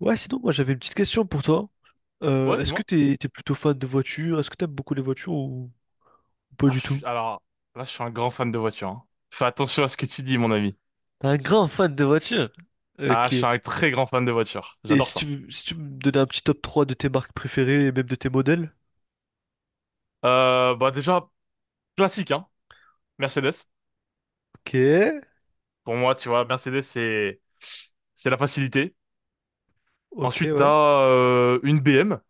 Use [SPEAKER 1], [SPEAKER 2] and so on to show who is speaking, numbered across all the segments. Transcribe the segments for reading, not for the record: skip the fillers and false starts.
[SPEAKER 1] Ouais, sinon, moi j'avais une petite question pour toi.
[SPEAKER 2] Ouais,
[SPEAKER 1] Est-ce que
[SPEAKER 2] dis-moi.
[SPEAKER 1] t'es plutôt fan de voitures? Est-ce que t'aimes beaucoup les voitures ou pas
[SPEAKER 2] Ah,
[SPEAKER 1] du
[SPEAKER 2] je
[SPEAKER 1] tout?
[SPEAKER 2] suis- Alors, Là, je suis un grand fan de voiture, hein. Fais attention à ce que tu dis, mon ami.
[SPEAKER 1] T'es un grand fan de voitures?
[SPEAKER 2] Ah,
[SPEAKER 1] Ok.
[SPEAKER 2] je suis un très grand fan de voiture.
[SPEAKER 1] Et
[SPEAKER 2] J'adore
[SPEAKER 1] si
[SPEAKER 2] ça.
[SPEAKER 1] si tu me donnais un petit top 3 de tes marques préférées et même de tes modèles?
[SPEAKER 2] Bah déjà, classique, hein. Mercedes.
[SPEAKER 1] Ok.
[SPEAKER 2] Pour moi, tu vois, Mercedes, c'est la facilité.
[SPEAKER 1] Ok,
[SPEAKER 2] Ensuite,
[SPEAKER 1] ouais.
[SPEAKER 2] t'as une BM.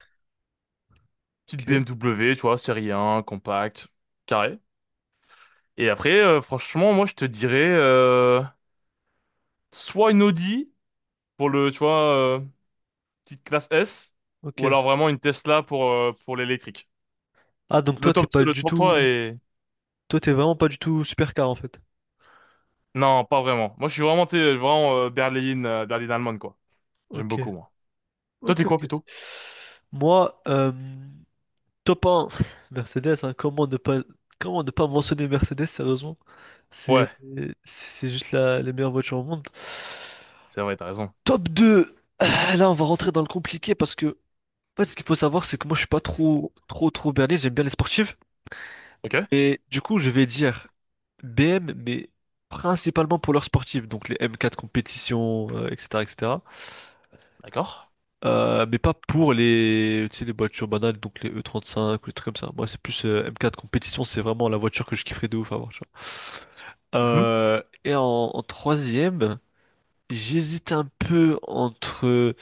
[SPEAKER 2] Petite
[SPEAKER 1] Ok.
[SPEAKER 2] BMW, tu vois, série 1, compacte, carré. Et après, franchement, moi, je te dirais soit une Audi pour le, tu vois, petite classe S, ou
[SPEAKER 1] Ok.
[SPEAKER 2] alors vraiment une Tesla pour l'électrique.
[SPEAKER 1] Ah, donc toi, t'es pas
[SPEAKER 2] Le
[SPEAKER 1] du
[SPEAKER 2] top 3
[SPEAKER 1] tout.
[SPEAKER 2] est...
[SPEAKER 1] Toi, t'es vraiment pas du tout supercar en fait.
[SPEAKER 2] Non, pas vraiment. Moi, je suis vraiment, tu sais, vraiment berline allemande, quoi. J'aime
[SPEAKER 1] Ok.
[SPEAKER 2] beaucoup, moi. Toi,
[SPEAKER 1] Ok,
[SPEAKER 2] t'es quoi,
[SPEAKER 1] ok.
[SPEAKER 2] plutôt?
[SPEAKER 1] Moi, Top 1, Mercedes, hein, comment ne pas mentionner Mercedes, sérieusement? C'est
[SPEAKER 2] Ouais,
[SPEAKER 1] c'est juste les meilleures voitures au monde.
[SPEAKER 2] c'est vrai, t'as raison.
[SPEAKER 1] Top 2, ah, là on va rentrer dans le compliqué parce que en fait, ce qu'il faut savoir, c'est que moi je suis pas trop trop trop berné, j'aime bien les sportives.
[SPEAKER 2] Ok,
[SPEAKER 1] Et du coup je vais dire BM, mais principalement pour leurs sportives, donc les M4 compétitions, etc. etc.
[SPEAKER 2] d'accord.
[SPEAKER 1] Mais pas pour les, tu sais, les voitures banales, donc les E35 ou les trucs comme ça. Moi, c'est plus M4 compétition, c'est vraiment la voiture que je kifferais de ouf avoir, tu vois.
[SPEAKER 2] Mhm.
[SPEAKER 1] Et en troisième, j'hésite un peu entre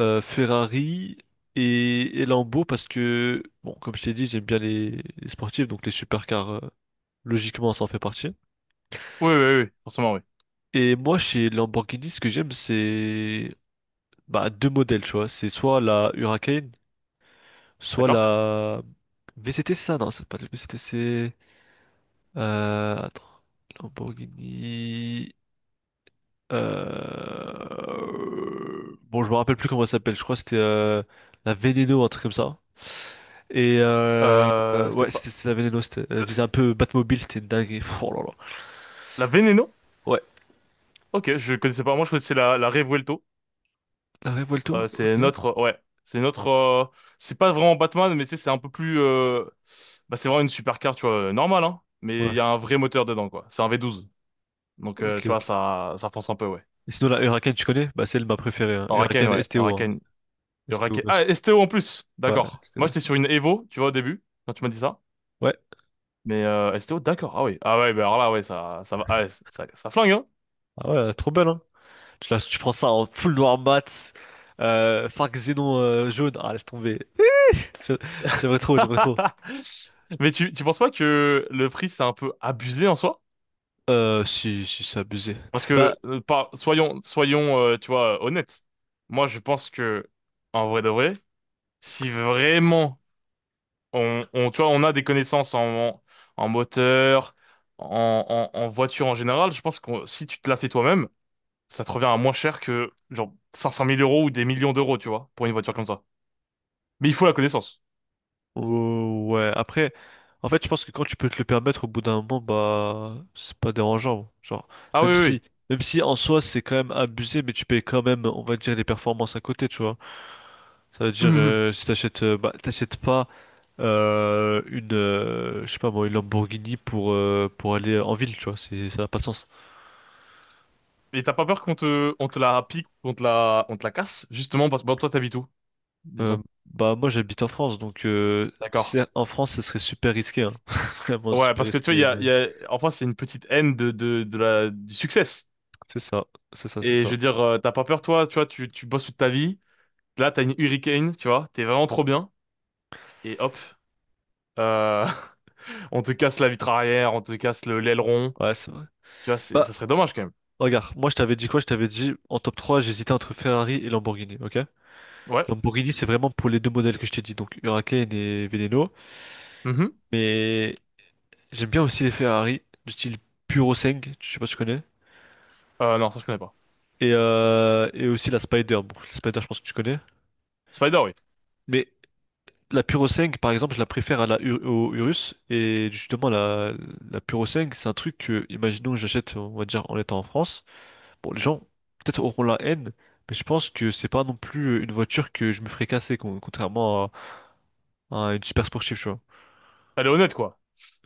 [SPEAKER 1] Ferrari et Lambo parce que, bon, comme je t'ai dit, j'aime bien les sportifs, donc les supercars, logiquement, ça en fait partie.
[SPEAKER 2] Oui, oui, oui, forcément, oui.
[SPEAKER 1] Et moi, chez Lamborghini, ce que j'aime, c'est bah, deux modèles, tu vois. C'est soit la Huracan, soit
[SPEAKER 2] D'accord.
[SPEAKER 1] la VCT, c'est ça? Non, c'est pas la VCT, c'est... Attends. Lamborghini... Bon, je me rappelle plus comment elle s'appelle. Je crois que c'était la Veneno, un truc comme ça. Et
[SPEAKER 2] C'était
[SPEAKER 1] ouais,
[SPEAKER 2] pas...
[SPEAKER 1] c'était la Veneno. C'était... Elle
[SPEAKER 2] le-
[SPEAKER 1] faisait un peu Batmobile, c'était une dinguerie. Pff, oh là là.
[SPEAKER 2] La Veneno?
[SPEAKER 1] Ouais.
[SPEAKER 2] Ok, je connaissais pas. Moi, je connaissais la Revuelto.
[SPEAKER 1] La Revuelto?
[SPEAKER 2] C'est
[SPEAKER 1] Ok.
[SPEAKER 2] notre... Ouais, c'est notre... C'est pas vraiment Batman, mais tu sais, c'est un peu plus... Bah, c'est vraiment une supercar, tu vois, normale, hein. Mais il
[SPEAKER 1] Ouais.
[SPEAKER 2] y a un vrai moteur dedans, quoi. C'est un V12. Donc,
[SPEAKER 1] Ok,
[SPEAKER 2] tu vois,
[SPEAKER 1] ok.
[SPEAKER 2] ça fonce un peu, ouais.
[SPEAKER 1] Et sinon, la Huracan, tu connais? Bah, c'est elle, ma préférée, hein.
[SPEAKER 2] Oraken,
[SPEAKER 1] Huracan
[SPEAKER 2] ouais.
[SPEAKER 1] STO, hein.
[SPEAKER 2] Oraken.
[SPEAKER 1] STO,
[SPEAKER 2] Oraken. Ah,
[SPEAKER 1] gosse.
[SPEAKER 2] STO en plus.
[SPEAKER 1] Ouais,
[SPEAKER 2] D'accord. Moi,
[SPEAKER 1] STO,
[SPEAKER 2] j'étais
[SPEAKER 1] STO.
[SPEAKER 2] sur une Evo, tu vois, au début, quand tu m'as dit ça.
[SPEAKER 1] Ouais.
[SPEAKER 2] Mais STO, d'accord. Ah oui. Ah ouais, bah alors là, ouais, ça va. Ah, ça flingue, hein.
[SPEAKER 1] Ah ouais, elle est trop belle, hein. Tu prends ça en full noir mat, Farc Xénon jaune. Ah, laisse tomber. Je- J'aimerais trop, j'aimerais trop.
[SPEAKER 2] Mais tu penses pas que le prix, c'est un peu abusé en soi?
[SPEAKER 1] Si, si, c'est abusé.
[SPEAKER 2] Parce
[SPEAKER 1] Bah,
[SPEAKER 2] que, pas, soyons, tu vois, honnêtes. Moi, je pense que, en vrai de vrai, si vraiment on, tu vois, on a des connaissances en, en moteur, en voiture en général, je pense que si tu te la fais toi-même, ça te revient à moins cher que genre cinq cent mille euros ou des millions d'euros, tu vois, pour une voiture comme ça. Mais il faut la connaissance.
[SPEAKER 1] oh, ouais, après, en fait, je pense que quand tu peux te le permettre, au bout d'un moment, bah, c'est pas dérangeant. Genre,
[SPEAKER 2] Ah oui,
[SPEAKER 1] même
[SPEAKER 2] oui,
[SPEAKER 1] si, même si en soi, c'est quand même abusé, mais tu payes quand même, on va dire, les performances à côté, tu vois. Ça veut
[SPEAKER 2] oui.
[SPEAKER 1] dire,
[SPEAKER 2] Mhm.
[SPEAKER 1] si t'achètes, bah, t'achètes pas une, je sais pas moi, une Lamborghini pour aller en ville, tu vois, c'est, ça n'a pas de sens.
[SPEAKER 2] Et t'as pas peur on te la pique, on te la casse, justement, parce que bon, toi, t'habites où,
[SPEAKER 1] Euh,
[SPEAKER 2] disons.
[SPEAKER 1] bah moi j'habite en France, donc
[SPEAKER 2] D'accord.
[SPEAKER 1] en France ce serait super risqué, hein. Vraiment
[SPEAKER 2] Ouais,
[SPEAKER 1] super
[SPEAKER 2] parce que tu vois,
[SPEAKER 1] risqué,
[SPEAKER 2] il
[SPEAKER 1] mais
[SPEAKER 2] y a, en France, c'est une petite haine de, du succès.
[SPEAKER 1] c'est ça, c'est ça, c'est
[SPEAKER 2] Et je
[SPEAKER 1] ça.
[SPEAKER 2] veux dire, t'as pas peur, toi, tu vois, tu bosses toute ta vie. Là, t'as une Hurricane, tu vois, t'es vraiment trop bien. Et hop, euh, on te casse la vitre arrière, on te casse le l'aileron.
[SPEAKER 1] Ouais, c'est vrai.
[SPEAKER 2] Tu vois,
[SPEAKER 1] Bah
[SPEAKER 2] ça serait dommage quand même.
[SPEAKER 1] regarde, moi je t'avais dit, quoi, je t'avais dit en top 3 j'hésitais entre Ferrari et Lamborghini, ok.
[SPEAKER 2] Ouais.
[SPEAKER 1] Lamborghini c'est vraiment pour les deux modèles que je t'ai dit, donc Huracan et Veneno,
[SPEAKER 2] Mhm.
[SPEAKER 1] mais j'aime bien aussi les Ferrari du style Puro, je sais pas si tu connais.
[SPEAKER 2] Non, ça je connais pas.
[SPEAKER 1] Et aussi la Spider. Bon, la Spider je pense que tu connais,
[SPEAKER 2] Spider, oui.
[SPEAKER 1] mais la Puro 5, par exemple, je la préfère à au Urus. Et justement, la Puro 5, c'est un truc que, imaginons que j'achète, on va dire, en étant en France. Bon, les gens peut-être auront la haine, mais je pense que c'est pas non plus une voiture que je me ferais casser, contrairement à une super sportive, tu vois.
[SPEAKER 2] Elle est honnête, quoi.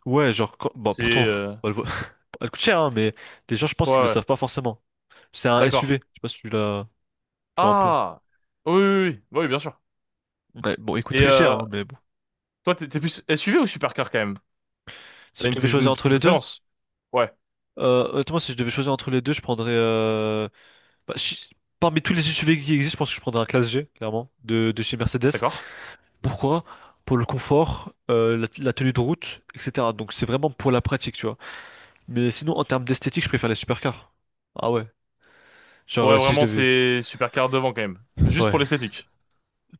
[SPEAKER 1] Ouais, genre, bah,
[SPEAKER 2] C'est...
[SPEAKER 1] pourtant, bah,
[SPEAKER 2] euh,
[SPEAKER 1] elle, vaut- elle coûte cher, hein, mais les gens, je pense
[SPEAKER 2] Ouais,
[SPEAKER 1] qu'ils le
[SPEAKER 2] ouais.
[SPEAKER 1] savent pas forcément. C'est un SUV,
[SPEAKER 2] D'accord.
[SPEAKER 1] je sais pas si tu l'as, tu vois un peu.
[SPEAKER 2] Ah! Oui, oui, oui. Oui, bah oui, bien sûr.
[SPEAKER 1] Ouais, bon, il coûte
[SPEAKER 2] Et
[SPEAKER 1] très cher, hein, mais bon.
[SPEAKER 2] toi, t'es plus SUV ou supercar, quand même?
[SPEAKER 1] Si
[SPEAKER 2] T'as
[SPEAKER 1] je
[SPEAKER 2] une,
[SPEAKER 1] devais choisir
[SPEAKER 2] une
[SPEAKER 1] entre
[SPEAKER 2] petite
[SPEAKER 1] les deux,
[SPEAKER 2] préférence? Ouais,
[SPEAKER 1] Honnêtement, si je devais choisir entre les deux, bah, parmi tous les SUV qui existent, je pense que je prendrais un classe G, clairement, de chez Mercedes.
[SPEAKER 2] d'accord.
[SPEAKER 1] Pourquoi? Pour le confort, la tenue de route, etc. Donc c'est vraiment pour la pratique, tu vois. Mais sinon, en termes d'esthétique, je préfère les supercars. Ah ouais. Genre,
[SPEAKER 2] Ouais,
[SPEAKER 1] si je
[SPEAKER 2] vraiment,
[SPEAKER 1] devais...
[SPEAKER 2] c'est supercar devant, quand même. Juste
[SPEAKER 1] Ouais.
[SPEAKER 2] pour l'esthétique.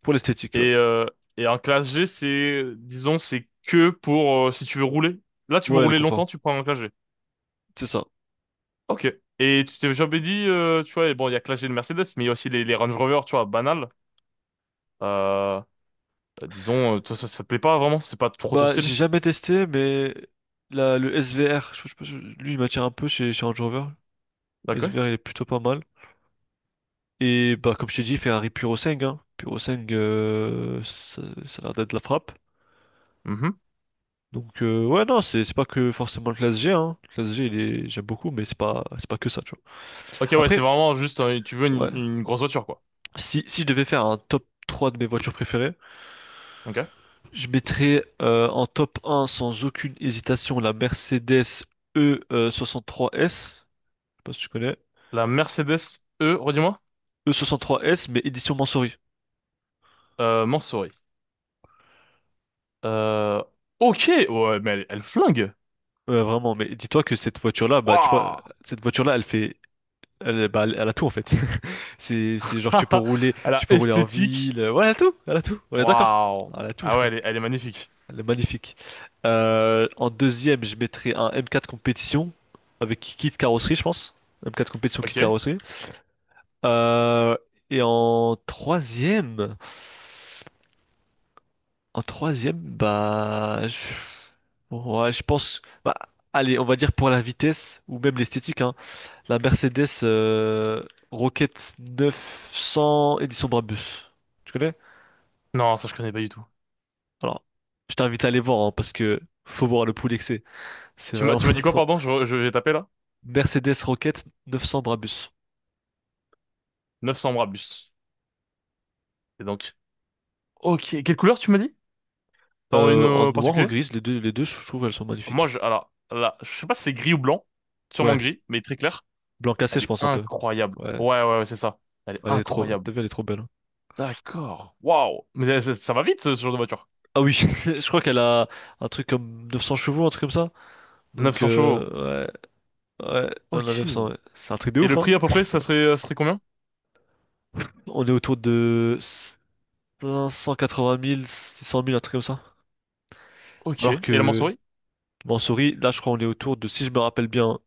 [SPEAKER 1] Pour l'esthétique, ouais.
[SPEAKER 2] Et, euh, et un classe G, c'est... Disons, c'est que pour... si tu veux rouler. Là, tu veux
[SPEAKER 1] Ouais, le
[SPEAKER 2] rouler
[SPEAKER 1] confort.
[SPEAKER 2] longtemps, tu prends un classe G.
[SPEAKER 1] C'est ça.
[SPEAKER 2] Ok. Et tu t'es jamais dit, tu vois, et bon, il y a classe G de Mercedes, mais il y a aussi les Range Rover, tu vois, banal. Euh, disons, toi, ça te plaît pas vraiment? C'est pas trop ton
[SPEAKER 1] Bah, j'ai
[SPEAKER 2] style?
[SPEAKER 1] jamais testé, mais le SVR, lui, il m'attire un peu chez Range Rover. Le
[SPEAKER 2] D'accord.
[SPEAKER 1] SVR, il est plutôt pas mal. Et bah, comme je t'ai dit, Ferrari Purosangue, hein. Purosangue, ça a l'air d'être la frappe.
[SPEAKER 2] Mhm.
[SPEAKER 1] Donc ouais, non c'est pas que forcément le classe G, hein. Le classe G il est j'aime beaucoup, mais c'est pas que ça, tu vois.
[SPEAKER 2] Ok, ouais, c'est
[SPEAKER 1] Après
[SPEAKER 2] vraiment juste, tu veux
[SPEAKER 1] ouais,
[SPEAKER 2] une grosse voiture, quoi.
[SPEAKER 1] si je devais faire un top 3 de mes voitures préférées,
[SPEAKER 2] Ok.
[SPEAKER 1] je mettrais en top un sans aucune hésitation la Mercedes E 63 S, je sais pas si tu connais.
[SPEAKER 2] La Mercedes E, redis-moi.
[SPEAKER 1] E 63 S, mais édition Mansory.
[SPEAKER 2] Mansory. Euh, ok, ouais, mais elle, elle flingue.
[SPEAKER 1] Ouais, vraiment, mais dis-toi que cette voiture là, bah tu vois,
[SPEAKER 2] Waouh!
[SPEAKER 1] cette voiture là elle fait elle, bah, elle bah, elle a tout en fait. C'est genre tu peux rouler,
[SPEAKER 2] Elle
[SPEAKER 1] tu
[SPEAKER 2] a
[SPEAKER 1] peux rouler en
[SPEAKER 2] esthétique.
[SPEAKER 1] ville, ouais, elle a tout, elle a tout. On est d'accord.
[SPEAKER 2] Waouh!
[SPEAKER 1] Elle a tout.
[SPEAKER 2] Ah ouais, elle est magnifique.
[SPEAKER 1] Elle est magnifique. En deuxième, je mettrais un M4 compétition avec kit carrosserie, je pense. M4 compétition, kit
[SPEAKER 2] Ok.
[SPEAKER 1] carrosserie. Euh, et en troisième, En troisième, bah, ouais, je pense, bah, allez, on va dire pour la vitesse ou même l'esthétique, hein, la Mercedes Rocket 900 édition Brabus. Tu connais?
[SPEAKER 2] Non, ça, je connais pas du tout.
[SPEAKER 1] Alors, je t'invite à aller voir, hein, parce que faut voir le poulet que c'est. C'est vraiment
[SPEAKER 2] Tu m'as dit quoi,
[SPEAKER 1] trop.
[SPEAKER 2] pardon? Je vais taper, là?
[SPEAKER 1] Mercedes Rocket 900 Brabus.
[SPEAKER 2] 900 Brabus. Et donc. Ok, quelle couleur tu m'as dit? T'en as une
[SPEAKER 1] En noir ou
[SPEAKER 2] particulière.
[SPEAKER 1] grise, les deux, je trouve, elles sont
[SPEAKER 2] Moi,
[SPEAKER 1] magnifiques.
[SPEAKER 2] je, alors, là, je sais pas si c'est gris ou blanc, sûrement
[SPEAKER 1] Ouais,
[SPEAKER 2] gris, mais très clair.
[SPEAKER 1] blanc cassé,
[SPEAKER 2] Elle
[SPEAKER 1] je
[SPEAKER 2] est
[SPEAKER 1] pense un peu.
[SPEAKER 2] incroyable.
[SPEAKER 1] Ouais,
[SPEAKER 2] Ouais, ouais, ouais, c'est ça. Elle est
[SPEAKER 1] elle est trop,
[SPEAKER 2] incroyable.
[SPEAKER 1] t'as vu, elle est trop belle, hein.
[SPEAKER 2] D'accord. Waouh. Mais ça va vite, ce genre de voiture.
[SPEAKER 1] Ah oui, je crois qu'elle a un truc comme 900 chevaux, un truc comme ça.
[SPEAKER 2] Neuf
[SPEAKER 1] Donc,
[SPEAKER 2] cents chevaux.
[SPEAKER 1] ouais, ouais, on a
[SPEAKER 2] Ok.
[SPEAKER 1] 900,
[SPEAKER 2] Et
[SPEAKER 1] ouais. C'est un truc de ouf,
[SPEAKER 2] le
[SPEAKER 1] hein.
[SPEAKER 2] prix, à peu près, ça serait combien?
[SPEAKER 1] On est autour de 580 000, 600 000, un truc comme ça.
[SPEAKER 2] Ok.
[SPEAKER 1] Alors
[SPEAKER 2] Et la
[SPEAKER 1] que
[SPEAKER 2] mensurie?
[SPEAKER 1] Mansouri, là, je crois, on est autour de, si je me rappelle bien,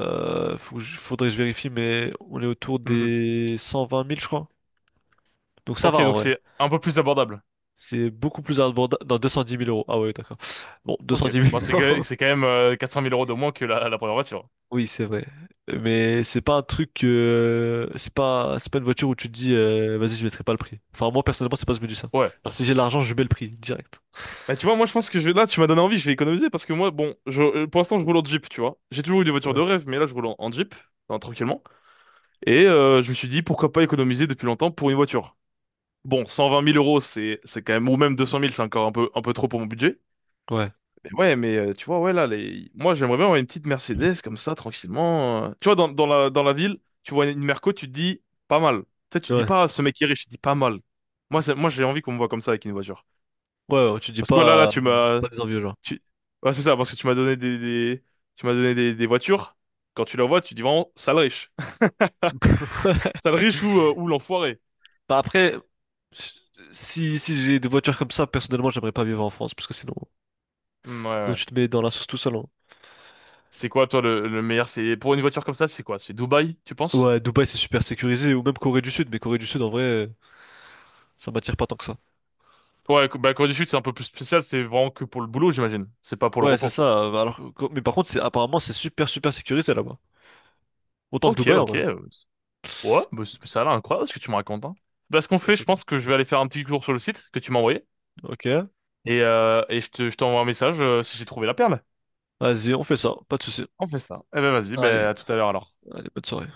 [SPEAKER 1] faudrait que je vérifie, mais on est autour
[SPEAKER 2] Mhm.
[SPEAKER 1] des 120 000, je crois. Donc ça va
[SPEAKER 2] Ok,
[SPEAKER 1] en
[SPEAKER 2] donc
[SPEAKER 1] vrai.
[SPEAKER 2] c'est un peu plus abordable.
[SPEAKER 1] C'est beaucoup plus abordable. Dans 210 000 euros. Ah ouais, d'accord. Bon, 210
[SPEAKER 2] Ok.
[SPEAKER 1] 000
[SPEAKER 2] Bon,
[SPEAKER 1] euros.
[SPEAKER 2] c'est quand même 400 mille euros de moins que la première voiture.
[SPEAKER 1] Oui, c'est vrai. Mais c'est pas un truc. C'est pas une voiture où tu te dis, vas-y, je mettrai pas le prix. Enfin, moi, personnellement, c'est pas ce que je me dis ça.
[SPEAKER 2] Ouais.
[SPEAKER 1] Alors, si j'ai l'argent, je mets le prix direct.
[SPEAKER 2] Bah, tu vois, moi, je pense que là, tu m'as donné envie, je vais économiser parce que moi, bon, pour l'instant, je roule en Jeep, tu vois. J'ai toujours eu des voitures
[SPEAKER 1] Ouais.
[SPEAKER 2] de rêve, mais là, je roule en, en Jeep, hein, tranquillement. Et je me suis dit, pourquoi pas économiser depuis longtemps pour une voiture? Bon, 120 000 euros, c'est quand même, ou même 200 000, c'est encore un peu trop pour mon budget.
[SPEAKER 1] Ouais.
[SPEAKER 2] Mais ouais, mais tu vois, ouais, là, les... moi, j'aimerais bien avoir une petite Mercedes, comme ça, tranquillement. Tu vois, dans la ville, tu vois une Merco, tu te dis, pas mal. Tu sais, tu te dis
[SPEAKER 1] Ouais.
[SPEAKER 2] pas, ah, ce mec qui est riche, tu te dis pas mal. Moi, j'ai envie qu'on me voit comme ça avec une voiture.
[SPEAKER 1] Ouais, ouais, tu dis
[SPEAKER 2] Parce que voilà, là,
[SPEAKER 1] pas.
[SPEAKER 2] tu m'as,
[SPEAKER 1] Pas des envieux, genre.
[SPEAKER 2] tu... ouais, c'est ça, parce que tu m'as donné des voitures. Quand tu la vois, tu dis vraiment, sale riche. Sale riche ou l'enfoiré.
[SPEAKER 1] Bah après, si j'ai des voitures comme ça, personnellement, j'aimerais pas vivre en France, parce que sinon,
[SPEAKER 2] Mm, ouais,
[SPEAKER 1] donc
[SPEAKER 2] ouais.
[SPEAKER 1] tu te mets dans la sauce tout seul, hein.
[SPEAKER 2] C'est quoi, toi, le meilleur? C'est pour une voiture comme ça, c'est quoi? C'est Dubaï, tu penses?
[SPEAKER 1] Ouais, Dubaï, c'est super sécurisé, ou même Corée du Sud, mais Corée du Sud, en vrai. Ça m'attire pas tant que ça.
[SPEAKER 2] Toi, bah, la Corée du Sud, c'est un peu plus spécial. C'est vraiment que pour le boulot, j'imagine. C'est pas pour le
[SPEAKER 1] Ouais, c'est
[SPEAKER 2] repos.
[SPEAKER 1] ça. Alors, mais par contre, c'est apparemment c'est super super sécurisé là-bas. Autant que
[SPEAKER 2] Ok,
[SPEAKER 1] Dubaï en
[SPEAKER 2] ok.
[SPEAKER 1] vrai.
[SPEAKER 2] Ouais, ça a l'air incroyable ce que tu me racontes, hein. Bah, ce qu'on fait,
[SPEAKER 1] Ok,
[SPEAKER 2] je pense
[SPEAKER 1] ok.
[SPEAKER 2] que je vais aller faire un petit tour sur le site que tu m'as envoyé
[SPEAKER 1] Ok.
[SPEAKER 2] et je t'envoie un message si j'ai trouvé la perle.
[SPEAKER 1] Vas-y, on fait ça. Pas de souci.
[SPEAKER 2] On fait ça. Eh ben vas-y,
[SPEAKER 1] Allez,
[SPEAKER 2] ben à tout à l'heure alors.
[SPEAKER 1] allez, bonne soirée.